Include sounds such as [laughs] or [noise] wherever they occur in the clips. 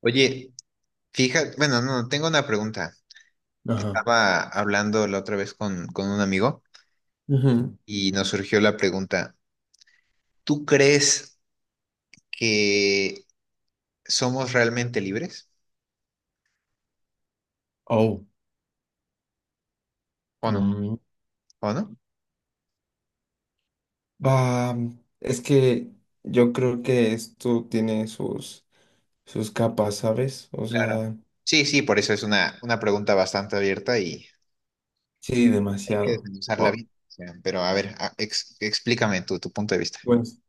Oye, fíjate, bueno, no, tengo una pregunta. Ajá. Estaba hablando la otra vez con un amigo Ujú. y nos surgió la pregunta, ¿tú crees que somos realmente libres Oh, o no? mm, ¿O no? va. Es que yo creo que esto tiene sus capas, ¿sabes? O Claro. sea, Sí, sí, por eso es una pregunta bastante abierta y sí, hay que demasiado. desmenuzarla Oh, bien. O sea, pero a ver, explícame tu punto de vista. pues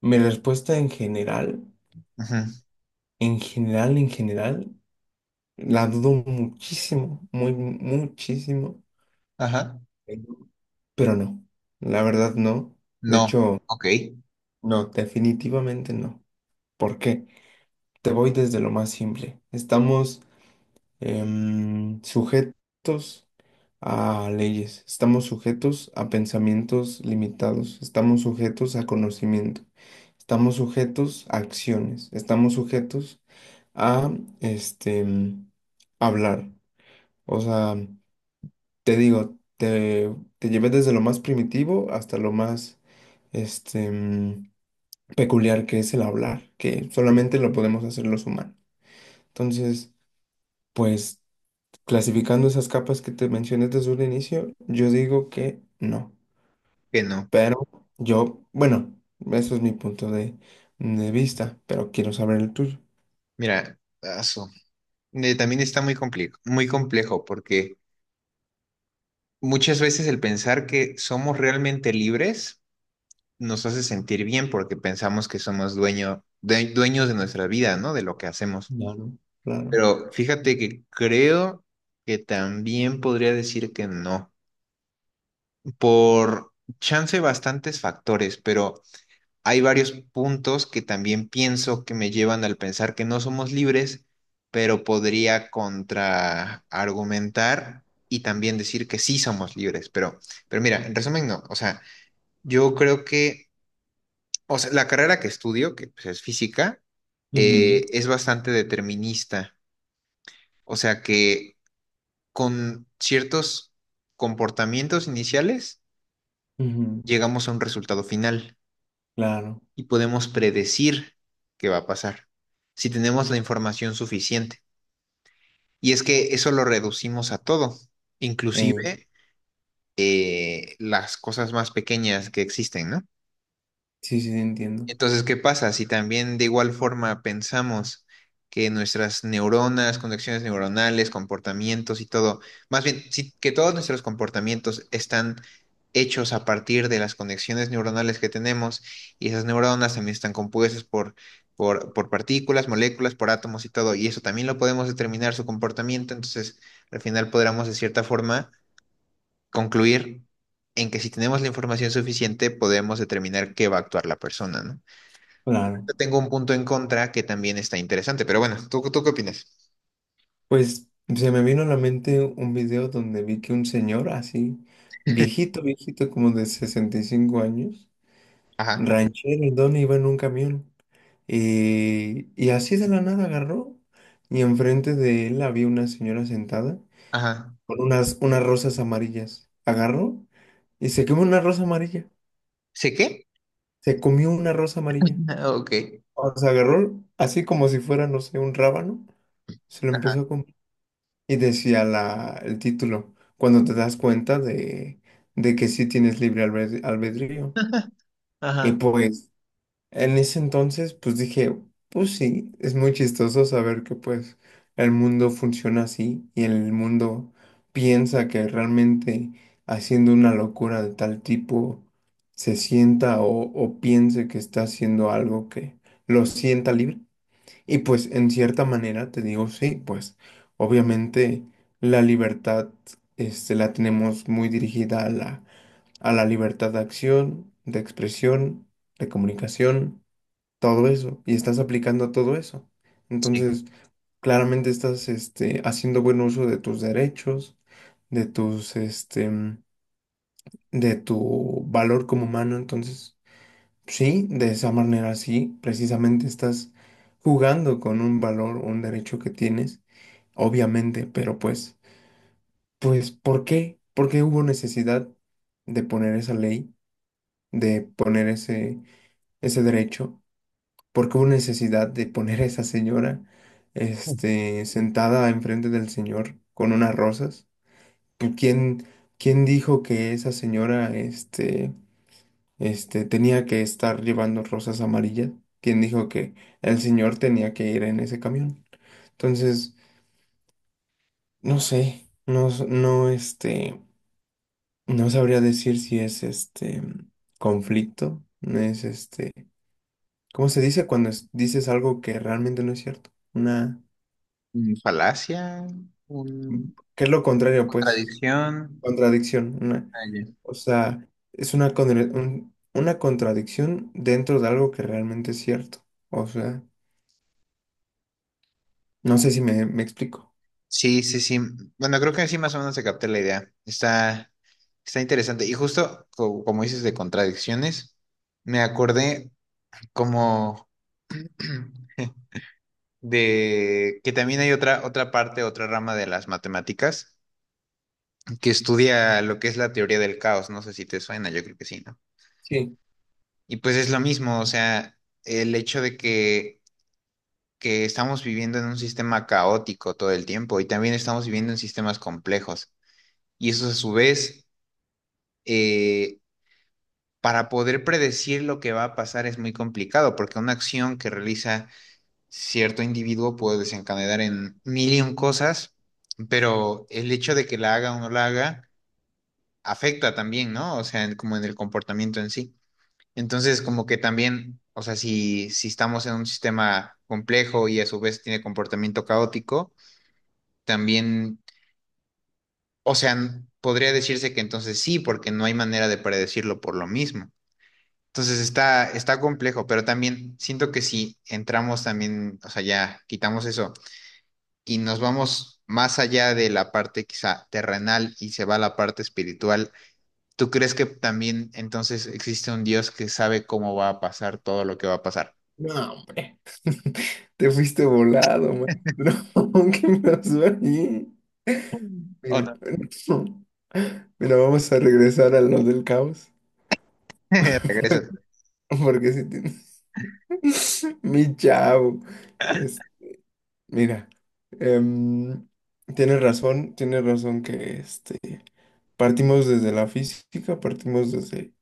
mi respuesta en general, Ujú. en general, la dudo muchísimo, muchísimo. Ajá. Pero no, la verdad no. De No. hecho, Ok. no, definitivamente no. ¿Por qué? Te voy desde lo más simple. Estamos sujetos a leyes, estamos sujetos a pensamientos limitados, estamos sujetos a conocimiento, estamos sujetos a acciones, estamos sujetos a este em, hablar. O sea, te digo, te llevé desde lo más primitivo hasta lo más este em, peculiar, que es el hablar, que solamente lo podemos hacer los humanos. Entonces, pues, clasificando esas capas que te mencioné desde un inicio, yo digo que no. Que no. Pero yo, bueno, eso es mi de vista, pero quiero saber el tuyo. Mira, aso. También está muy complejo porque muchas veces el pensar que somos realmente libres nos hace sentir bien porque pensamos que somos dueños de nuestra vida, ¿no? De lo que hacemos. Claro, claro. Pero fíjate que creo que también podría decir que no, por chance bastantes factores, pero hay varios puntos que también pienso que me llevan al pensar que no somos libres, pero podría contraargumentar y también decir que sí somos libres, pero mira, en resumen, no. O sea, yo creo que, o sea, la carrera que estudio, que pues, es física, Ujú, es bastante determinista. O sea que con ciertos comportamientos iniciales ujú, llegamos a un resultado final claro. y podemos predecir qué va a pasar si tenemos la información suficiente. Y es que eso lo reducimos a todo, Eh, inclusive las cosas más pequeñas que existen, ¿no? sí, sí, entiendo. Entonces, ¿qué pasa? Si también de igual forma pensamos que nuestras neuronas, conexiones neuronales, comportamientos y todo, más bien, que todos nuestros comportamientos están hechos a partir de las conexiones neuronales que tenemos y esas neuronas también están compuestas por partículas, moléculas, por átomos y todo, y eso también lo podemos determinar su comportamiento, entonces al final podremos de cierta forma concluir en que si tenemos la información suficiente podemos determinar qué va a actuar la persona, ¿no? Claro. Tengo un punto en contra que también está interesante, pero bueno, ¿tú qué opinas? Pues se me vino a la mente un video donde vi que un señor así, viejito, viejito, como de 65 años, Ajá, ranchero, el don iba en un camión. Y así de la nada agarró. Y enfrente de él había una señora sentada ajá. con unas rosas amarillas. Agarró y se comió una rosa amarilla. ¿Sé qué? Se comió una rosa amarilla. [laughs] Ah, ok. O sea, agarró así como si fuera, no sé, un rábano. Se lo empezó a comer. Y decía el título: cuando te das cuenta de que sí tienes libre albedrío. Ajá, Y ajá. pues en ese entonces, pues dije, pues sí, es muy chistoso saber que pues el mundo funciona así y el mundo piensa que realmente, haciendo una locura de tal tipo, se sienta o piense que está haciendo algo que lo sienta libre. Y pues en cierta manera te digo, sí, pues obviamente la libertad este, la tenemos muy dirigida a a la libertad de acción, de expresión, de comunicación, todo eso, y estás aplicando a todo eso. Sí. Entonces, claramente estás este, haciendo buen uso de tus derechos, de de tu valor como humano. Entonces, sí, de esa manera sí, precisamente estás jugando con un valor, un derecho que tienes, obviamente, pero pues, ¿por qué? ¿Por qué hubo necesidad de poner esa ley, de poner ese derecho? ¿Porque hubo necesidad de poner a esa señora, este, sentada enfrente del señor con unas rosas? Pues, ¿quién dijo que esa señora, tenía que estar llevando rosas amarillas? ¿Quién dijo que el señor tenía que ir en ese camión? Entonces, no sé, no sabría decir si es este conflicto, no es este, ¿cómo se dice cuando dices algo que realmente no es cierto? Una... Mm, falacia, un- ¿Qué es lo contrario, pues? contradicción. Contradicción. Ah, ya. O sea, es una contradicción dentro de algo que realmente es cierto. O sea, no sé si me explico. Sí, sí, sí. Bueno, creo que así más o menos se capté la idea. Está interesante. Y justo como dices de contradicciones, me acordé como [clears throat] de que también hay otra parte, otra rama de las matemáticas que estudia lo que es la teoría del caos. No sé si te suena, yo creo que sí, ¿no? Sí. Y pues es lo mismo, o sea, el hecho de que estamos viviendo en un sistema caótico todo el tiempo y también estamos viviendo en sistemas complejos. Y eso a su vez, eh, para poder predecir lo que va a pasar es muy complicado, porque una acción que realiza cierto individuo puede desencadenar en mil y un cosas, pero el hecho de que la haga o no la haga afecta también, ¿no? O sea, como en el comportamiento en sí. Entonces, como que también, o sea, si estamos en un sistema complejo y a su vez tiene comportamiento caótico, también, o sea, podría decirse que entonces sí, porque no hay manera de predecirlo por lo mismo. Entonces está complejo, pero también siento que si entramos también, o sea, ya quitamos eso y nos vamos más allá de la parte quizá terrenal y se va a la parte espiritual, ¿tú crees que también entonces existe un Dios que sabe cómo va a pasar todo lo que va a pasar? No, hombre. [laughs] Te fuiste volado, maestro. [laughs] ¿Qué pasó ahí? Mm. ¿O Mira, no? [laughs] no. Mira, vamos a regresar a lo del caos. [laughs] Regresas. [laughs] Porque si tienes... [laughs] Mi chavo. Mira, em, tienes razón que este, partimos desde la física,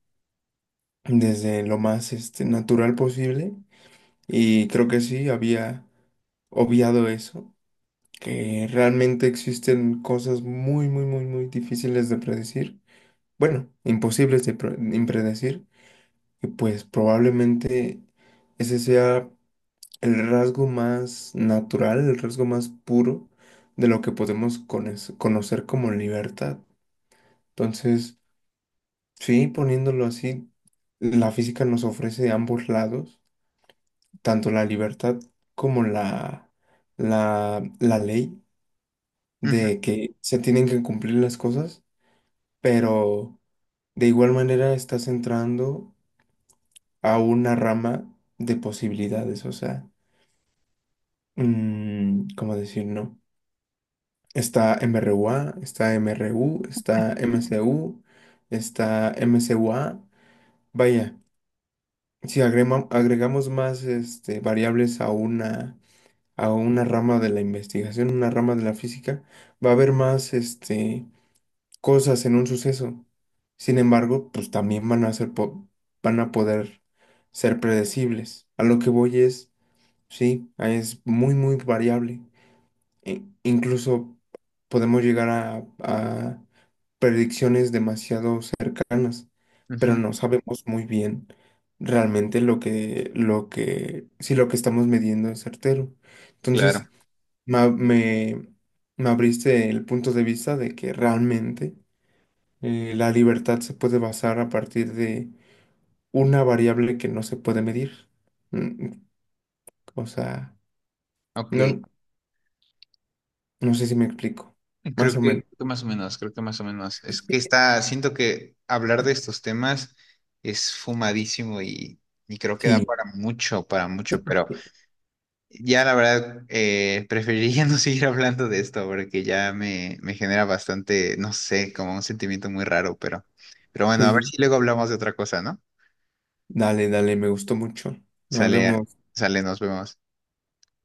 desde lo más este, natural posible, y creo que sí, había obviado eso, que realmente existen cosas muy, muy, muy, muy difíciles de predecir, bueno, imposibles de impredecir, y pues probablemente ese sea... el rasgo más natural, el rasgo más puro de lo que podemos conocer como libertad. Entonces, sí, poniéndolo así, la física nos ofrece ambos lados, tanto la libertad como la ley Ujú, de que se tienen que cumplir las cosas, pero de igual manera estás entrando a una rama de posibilidades, o sea, mm, ¿cómo decir, no? Está MRUA, está MRU, está MCU, está MCUA. Vaya, si agregamos más este, variables a a una rama de la investigación, una rama de la física, va a haber más este, cosas en un suceso. Sin embargo, pues también van a ser van a poder ser predecibles. A lo que voy es, sí, es muy, muy variable, incluso podemos llegar a predicciones demasiado cercanas, pero ujú, no sabemos muy bien realmente si lo que estamos midiendo es certero. claro. Entonces, ma- me, me abriste el punto de vista de que realmente la libertad se puede basar a partir de una variable que no se puede medir. Mm, o sea, Ok. no, no sé si me explico. Creo Más o menos. creo que más o menos, creo que más o menos. Es que está, siento que hablar de estos temas es fumadísimo y creo que da Sí. Para mucho, pero ya la verdad preferiría [laughs] no seguir hablando de esto porque ya me genera bastante, no sé, como un sentimiento muy raro, pero bueno, Sí, a ver sí. si luego hablamos de otra cosa, ¿no? Dale, dale, me gustó mucho. Nos Sale, vemos. sale, nos vemos.